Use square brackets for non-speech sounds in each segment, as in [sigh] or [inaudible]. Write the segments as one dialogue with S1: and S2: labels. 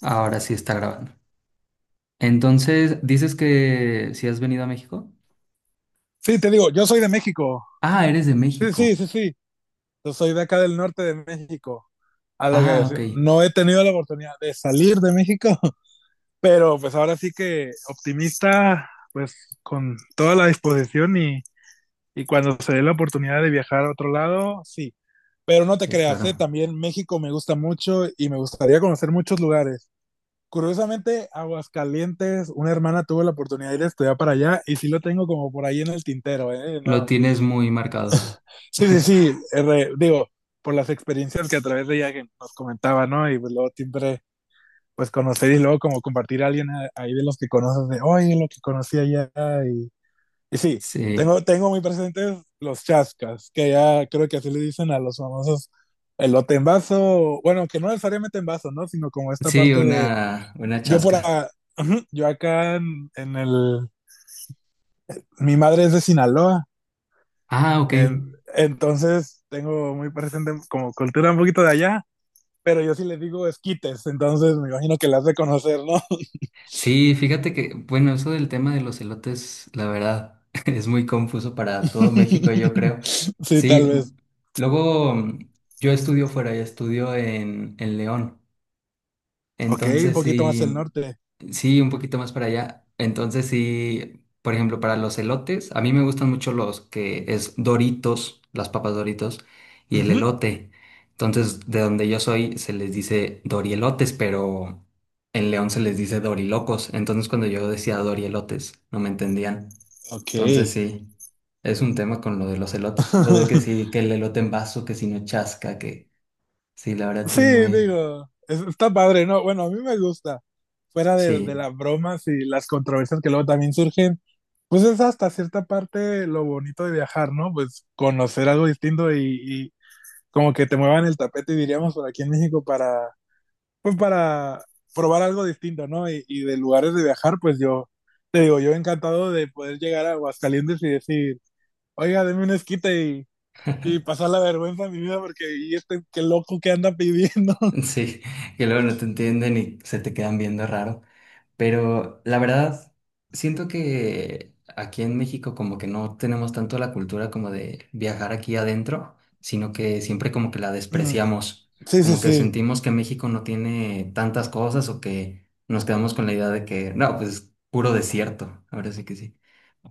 S1: Ahora sí está grabando. Entonces, dices que si has venido a México.
S2: Sí, te digo, yo soy de México.
S1: Ah, eres de
S2: Sí, sí,
S1: México.
S2: sí, sí. Yo soy de acá del norte de México. A lo que
S1: Ah, ok.
S2: decir, no he tenido la oportunidad de salir de México, [laughs] pero pues ahora sí que optimista, pues con toda la disposición y cuando se dé la oportunidad de viajar a otro lado, sí. Pero no te
S1: Sí,
S2: creas, ¿eh?
S1: claro.
S2: También México me gusta mucho y me gustaría conocer muchos lugares. Curiosamente, Aguascalientes, una hermana tuvo la oportunidad de ir a estudiar para allá y sí lo tengo como por ahí en el tintero, ¿eh?
S1: Lo
S2: No,
S1: tienes muy marcado.
S2: sí, sí, sí,
S1: [laughs]
S2: Digo, por las experiencias que a través de ella que nos comentaba, ¿no? Y pues luego siempre, pues conocer y luego como compartir a alguien ahí de los que conoces, de, oye, lo que conocí allá. Y, y sí,
S1: Sí,
S2: tengo muy presentes los chascas, que ya creo que así le dicen a los famosos elote en vaso, bueno, que no necesariamente en vaso, ¿no? Sino como esta
S1: sí,
S2: parte de,
S1: una
S2: yo por
S1: chasca.
S2: acá, yo acá mi madre es de Sinaloa,
S1: Ah, ok.
S2: en- entonces tengo muy presente como cultura un poquito de allá. Pero yo sí les digo esquites, entonces me imagino que las de conocer, ¿no?
S1: Sí, fíjate que, bueno, eso del tema de los elotes, la verdad, [laughs] es muy confuso para todo México, yo creo.
S2: [laughs] Sí,
S1: Sí,
S2: tal vez.
S1: luego yo estudio fuera, y estudio en León.
S2: Ok, un
S1: Entonces
S2: poquito más
S1: sí,
S2: el norte.
S1: sí, un poquito más para allá. Entonces sí, por ejemplo, para los elotes, a mí me gustan mucho los que es Doritos, las papas Doritos y el
S2: Ujú.
S1: elote. Entonces, de donde yo soy se les dice dorielotes, pero en León se les dice dorilocos. Entonces, cuando yo decía dorielotes, no me entendían.
S2: Ok.
S1: Entonces sí, es un tema con lo de los elotes. O de que
S2: [laughs]
S1: sí, que el elote en vaso, que si no chasca, que sí, la verdad sí
S2: Sí,
S1: es muy...
S2: digo, está padre, ¿no? Bueno, a mí me gusta. Fuera de
S1: Sí.
S2: las bromas y las controversias que luego también surgen, pues es hasta cierta parte lo bonito de viajar, ¿no? Pues conocer algo distinto y como que te muevan el tapete, diríamos, por aquí en México para pues para probar algo distinto, ¿no? Y de lugares de viajar, te digo, yo encantado de poder llegar a Aguascalientes y decir, oiga, deme un esquite y pasar la vergüenza de mi vida porque y este qué loco que anda pidiendo.
S1: [laughs]
S2: [laughs]
S1: Sí, que luego no te entienden y se te quedan viendo raro. Pero la verdad, siento que aquí en México como que no tenemos tanto la cultura como de viajar aquí adentro, sino que siempre como que la
S2: Mm,
S1: despreciamos,
S2: sí, sí,
S1: como que
S2: sí.
S1: sentimos que México no tiene tantas cosas o que nos quedamos con la idea de que, no, pues es puro desierto, ahora sí que sí,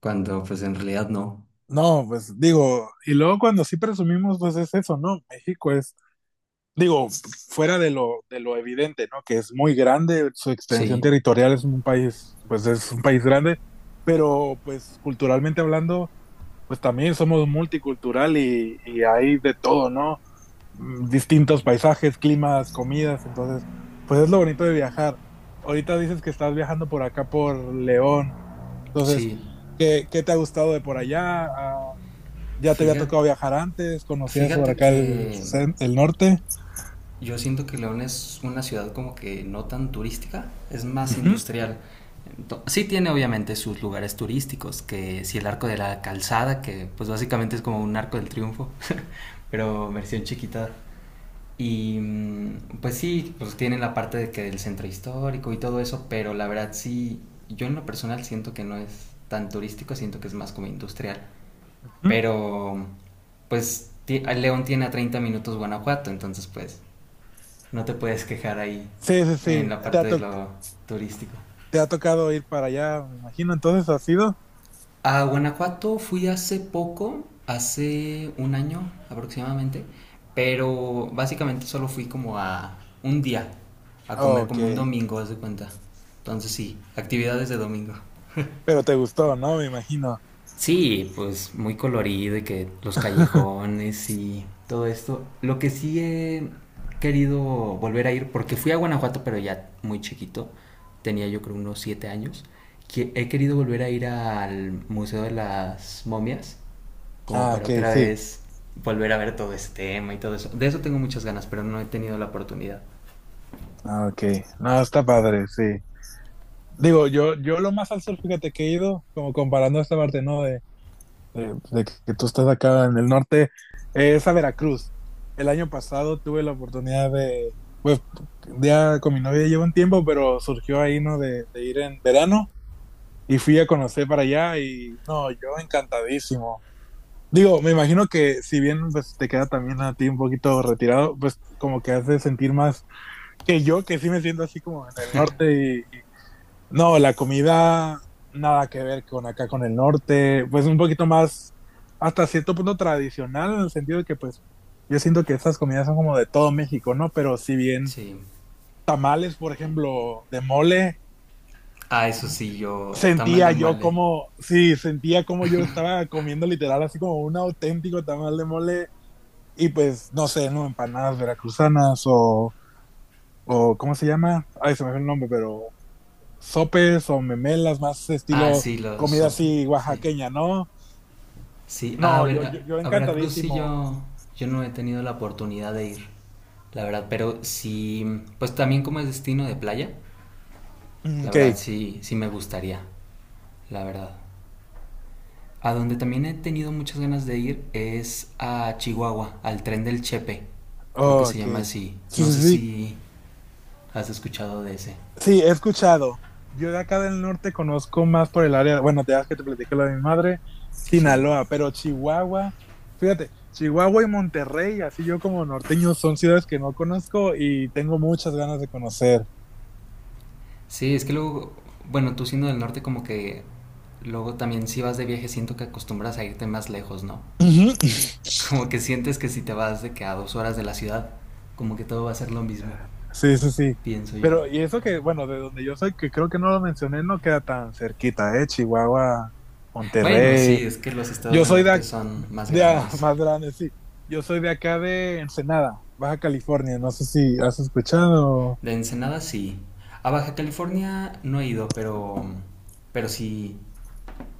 S1: cuando pues en realidad no.
S2: No, pues digo, y luego cuando sí presumimos, pues es eso, ¿no? Digo, fuera de de lo evidente, ¿no? Que es muy grande, su extensión
S1: Sí.
S2: territorial es un país, pues es un país grande, pero pues culturalmente hablando, pues también somos multicultural y hay de todo, ¿no? Mm. Distintos paisajes, climas, comidas, entonces, pues es lo bonito de viajar. Ahorita dices que estás viajando por acá por León, entonces,
S1: Sí.
S2: qué te ha gustado de por allá? Ah, ¿ya te había
S1: Fíjate,
S2: tocado viajar antes? ¿Conocías por
S1: fíjate
S2: acá el,
S1: que
S2: el norte?
S1: yo siento que León es una ciudad como que no tan turística, es más
S2: Ujú,
S1: industrial. Sí tiene obviamente sus lugares turísticos, que si el arco de la calzada, que pues básicamente es como un arco del triunfo, [laughs] pero versión chiquita. Y mm, pues sí, pues tiene la parte de que del centro histórico y todo eso, pero la verdad sí, yo en lo personal siento que no es tan turístico, siento que es más como industrial.
S2: ujú.
S1: Pero pues León tiene a 30 minutos Guanajuato, entonces pues no te puedes quejar ahí
S2: Sí, sí,
S1: en
S2: sí.
S1: la
S2: ¿Te
S1: parte
S2: ha,
S1: de lo turístico.
S2: te ha tocado ir para allá, me imagino? Entonces, ¿ha sido?
S1: A Guanajuato fui hace poco, hace un año aproximadamente, pero básicamente solo fui como a un día, a comer
S2: Ok,
S1: como un domingo, haz de cuenta. Entonces sí, actividades de domingo.
S2: pero te gustó, ¿no? Me imagino.
S1: Sí, pues muy colorido y que los
S2: [laughs]
S1: callejones y todo esto. Lo que sí he querido volver a ir, porque fui a Guanajuato, pero ya muy chiquito, tenía yo creo unos 7 años, que he querido volver a ir al Museo de las Momias, como
S2: Ah,
S1: para
S2: ok,
S1: otra
S2: sí.
S1: vez volver a ver todo este tema y todo eso. De eso tengo muchas ganas, pero no he tenido la oportunidad.
S2: Ah, ok. No, está padre, sí. Digo, yo lo más al sur, fíjate que he ido, como comparando esta parte, ¿no? De, de que tú estás acá en el norte, es a Veracruz. El año pasado tuve la oportunidad de, pues, ya con mi novia llevo un tiempo, pero surgió ahí, ¿no? De ir en verano y fui a conocer para allá y, no, yo encantadísimo. Digo, me imagino que si bien pues, te queda también a ti un poquito retirado, pues como que hace sentir más que yo, que sí me siento así como en el norte. No, la comida nada que ver con acá, con el norte, pues un poquito más, hasta cierto punto tradicional, en el sentido de que pues yo siento que estas comidas son como de todo México, ¿no? Pero si bien
S1: Sí.
S2: tamales, por ejemplo, de mole,
S1: Ah, eso sí, yo, tamal de
S2: sentía yo
S1: mole.
S2: como, sí, sentía como yo estaba comiendo literal así como un auténtico tamal de mole y pues, no sé, ¿no? Empanadas veracruzanas o ¿cómo se llama? Ay, se me fue el nombre, pero sopes o memelas más
S1: Ah,
S2: estilo
S1: sí, los
S2: comida
S1: sopes,
S2: así
S1: sí.
S2: oaxaqueña, ¿no?
S1: Sí, a,
S2: No,
S1: ver,
S2: yo
S1: a Veracruz sí
S2: encantadísimo.
S1: yo no he tenido la oportunidad de ir, la verdad, pero sí, pues también como es destino de playa,
S2: Mm.
S1: la
S2: Ok,
S1: verdad sí, sí me gustaría, la verdad. A donde también he tenido muchas ganas de ir es a Chihuahua, al tren del Chepe, creo que
S2: oh,
S1: se
S2: ok.
S1: llama así,
S2: Sí,
S1: no
S2: sí,
S1: sé
S2: sí.
S1: si has escuchado de ese.
S2: Sí, he escuchado. Yo de acá del norte conozco más por el área, bueno, te das que te platiqué lo de mi madre,
S1: Sí,
S2: Sinaloa, pero Chihuahua, fíjate, Chihuahua y Monterrey, así yo como norteño, son ciudades que no conozco y tengo muchas ganas de conocer.
S1: sí, es que luego, bueno, tú siendo del norte como que luego también si vas de viaje siento que acostumbras a irte más lejos, ¿no?
S2: Ujú.
S1: Como que sientes que si te vas de que a 2 horas de la ciudad, como que todo va a ser lo mismo,
S2: Sí, sí, sí.
S1: pienso yo.
S2: Pero, y eso que, bueno, de donde yo soy, que creo que no lo mencioné, no queda tan cerquita, ¿eh? Chihuahua,
S1: Bueno, sí,
S2: Monterrey.
S1: es que los estados
S2: Yo
S1: del
S2: soy de,
S1: norte
S2: ac-
S1: son más
S2: de a- [laughs]
S1: grandes.
S2: más grande, sí. Yo soy de acá de Ensenada, Baja California. No sé si has escuchado.
S1: De Ensenada sí. A Baja California no he ido, pero pero sí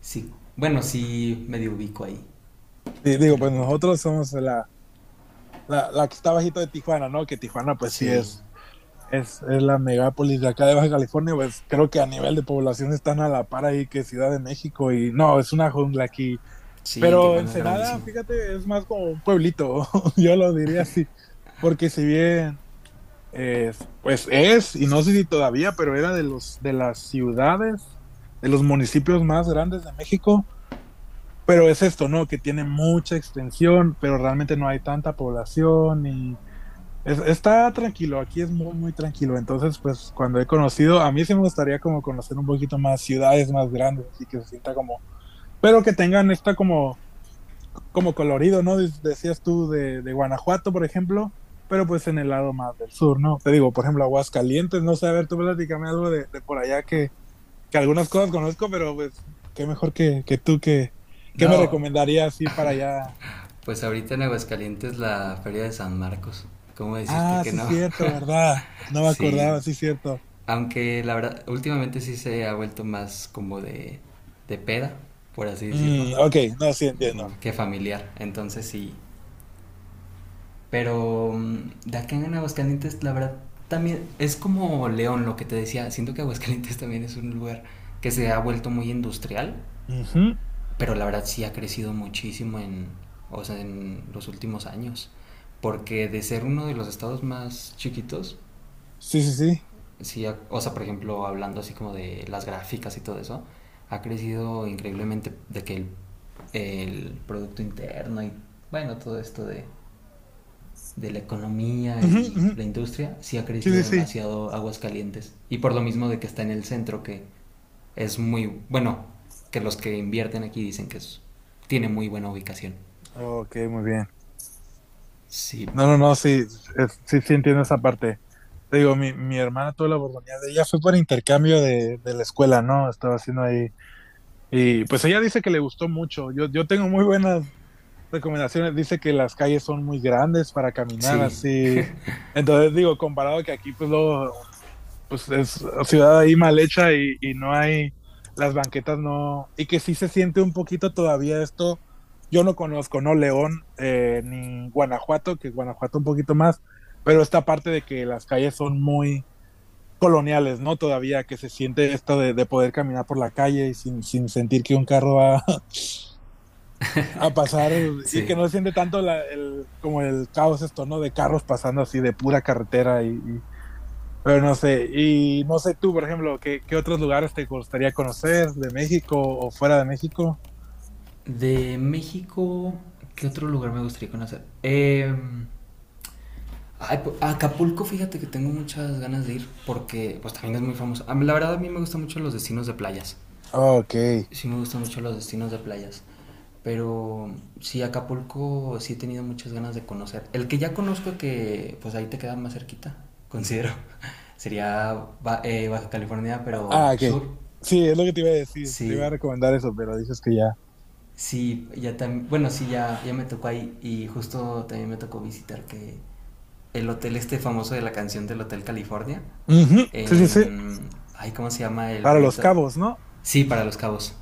S1: sí, bueno, sí medio ubico ahí
S2: Sí,
S1: que
S2: digo,
S1: la
S2: pues
S1: cultura.
S2: nosotros somos la que está bajito de Tijuana, ¿no? Que Tijuana, pues sí
S1: Sí.
S2: es la megápolis de acá de Baja California. Pues creo que a nivel de población están a la par ahí que Ciudad de México. Y no, es una jungla aquí.
S1: Sí,
S2: Pero
S1: Tijuana es
S2: Ensenada,
S1: grandísimo.
S2: fíjate, es más como un pueblito, [laughs] yo lo diría así, porque si bien, eh, pues es, y no sé si todavía, pero era de de las ciudades, de los municipios más grandes de México, pero es esto, ¿no? Que tiene mucha extensión, pero realmente no hay tanta población y está tranquilo, aquí es muy, muy tranquilo. Entonces, pues cuando he conocido, a mí sí me gustaría como conocer un poquito más ciudades más grandes, así que se sienta como, pero que tengan esta como como colorido, ¿no? Decías tú de Guanajuato, por ejemplo, pero pues en el lado más del sur, ¿no? Te digo, por ejemplo, Aguascalientes, no sé, a ver, tú platícame algo de por allá que algunas cosas conozco, pero pues qué mejor que tú que, qué me
S1: No,
S2: recomendarías así para allá.
S1: pues ahorita en Aguascalientes la Feria de San Marcos. ¿Cómo decirte
S2: Ah,
S1: que
S2: sí,
S1: no?
S2: cierto, ¿verdad?
S1: [laughs]
S2: No me
S1: Sí,
S2: acordaba, sí, cierto.
S1: aunque la verdad, últimamente sí se ha vuelto más como de peda, por así decirlo,
S2: Mm, ok, no, sí entiendo.
S1: que familiar. Entonces sí. Pero de acá en Aguascalientes, la verdad, también es como León, lo que te decía. Siento que Aguascalientes [laughs] también es un lugar que se ha vuelto muy industrial,
S2: Ujú,
S1: pero la verdad sí ha crecido muchísimo en, o sea, en los últimos años. Porque de ser uno de los estados más chiquitos,
S2: sí, sí, sí.
S1: sí, o sea, por ejemplo, hablando así como de las gráficas y todo eso, ha crecido increíblemente de que el Producto Interno y, bueno, todo esto de la economía
S2: Ujú,
S1: y
S2: ujú,
S1: la industria, sí ha
S2: sí,
S1: crecido
S2: sí, sí.
S1: demasiado Aguascalientes. Y por lo mismo de que está en el centro, que es muy, bueno, que los que invierten aquí dicen que es, tiene muy buena ubicación.
S2: Ok, muy bien.
S1: Sí,
S2: No, no, no, sí, sí, sí entiendo esa parte. Te digo, mi hermana tuvo la oportunidad de ella, fue por intercambio de la escuela, ¿no? Estaba haciendo ahí. Y pues ella dice que le gustó mucho. Yo tengo muy buenas recomendaciones. Dice que las calles son muy grandes para caminar
S1: sí,
S2: así. Entonces digo, comparado que aquí, pues luego pues es ciudad ahí mal hecha y no hay, las banquetas no, y que sí se siente un poquito todavía esto, yo no conozco, no León ni Guanajuato, que Guanajuato un poquito más, pero esta parte de que las calles son muy coloniales, ¿no? Todavía que se siente esto de poder caminar por la calle y sin, sin sentir que un carro va [laughs] a pasar y
S1: sí.
S2: que no se siente tanto como el caos esto, ¿no? De carros pasando así de pura carretera y pero no sé, y no sé tú, por ejemplo, qué otros lugares te gustaría conocer de México o fuera de México?
S1: De México, ¿qué otro lugar me gustaría conocer? Ay, pues, a Acapulco, fíjate que tengo muchas ganas de ir porque pues también es muy famoso. A mí, la verdad a mí me gustan mucho los destinos de playas.
S2: Ok.
S1: Sí me gustan mucho los destinos de playas. Pero sí, Acapulco sí he tenido muchas ganas de conocer. El que ya conozco que pues ahí te queda más cerquita, considero. [laughs] Sería Baja California, pero
S2: Ah, ok.
S1: sur.
S2: Sí, es lo que te iba a decir. Te iba
S1: Sí,
S2: a recomendar eso, pero dices que ya.
S1: sí, ya también, bueno, sí, ya, ya me tocó ahí y justo también me tocó visitar que el hotel este famoso de la canción del Hotel California.
S2: Ujú, sí, sí, sí.
S1: En... Ay, ¿cómo se llama el
S2: Para los
S1: pueblito?
S2: cabos, ¿no?
S1: Sí, para Los Cabos,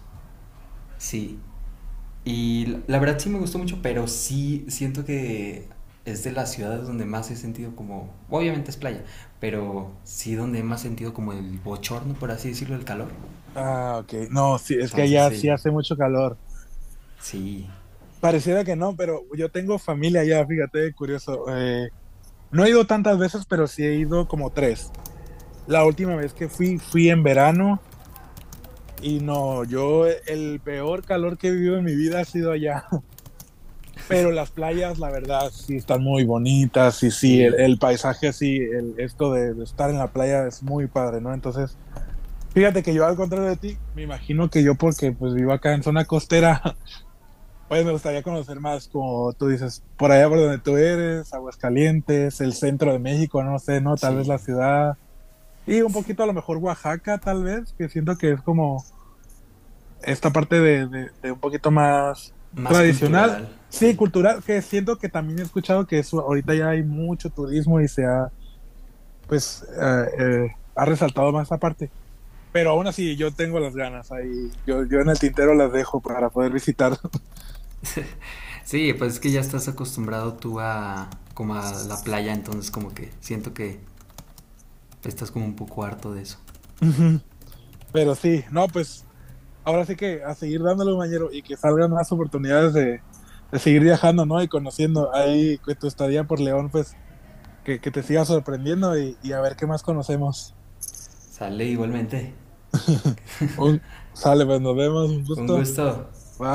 S1: sí. Y la verdad sí me gustó mucho, pero sí siento que es de las ciudades donde más he sentido como... Obviamente es playa, pero sí donde más he sentido como el bochorno, por así decirlo, el calor.
S2: Ah, ok. No, sí, es que
S1: Entonces
S2: allá
S1: sí,
S2: sí hace mucho calor.
S1: sí,
S2: Pareciera que no, pero yo tengo familia allá, fíjate, curioso. No he ido tantas veces, pero sí he ido como tres. La última vez que fui, fui en verano. Y no, yo el peor calor que he vivido en mi vida ha sido allá. [laughs]
S1: [laughs]
S2: Pero las playas, la verdad, sí están muy bonitas y sí,
S1: sí,
S2: el paisaje, sí, el, esto de estar en la playa es muy padre, ¿no? Entonces, fíjate que yo al contrario de ti, me imagino que yo porque pues vivo acá en zona costera, [laughs] pues me gustaría conocer más, como tú dices, por allá por donde tú eres, Aguascalientes, el centro de México, no sé, ¿no? Tal vez
S1: sí.
S2: la ciudad. Y un poquito a lo mejor Oaxaca, tal vez, que siento que es como esta parte de un poquito más
S1: Más
S2: tradicional,
S1: cultural,
S2: sí,
S1: sí.
S2: cultural, que siento que también he escuchado que eso, ahorita ya hay mucho turismo y se ha, pues, eh, ha resaltado más esa parte. Pero aún así, yo tengo las ganas ahí, yo en el tintero las dejo para poder visitar.
S1: Sí, pues es que ya estás acostumbrado tú a como a la playa, entonces como que siento que estás como un poco harto de eso.
S2: [laughs] Ujú. Pero sí, no, pues ahora sí que a seguir dándole un y que salgan más oportunidades de seguir viajando, ¿no? Y conociendo ahí que tu estadía por León, pues que te siga sorprendiendo y a ver qué más conocemos.
S1: Sale igualmente.
S2: [laughs] Un, sale, pues nos vemos, un
S1: Un
S2: gusto.
S1: gusto.
S2: Bye.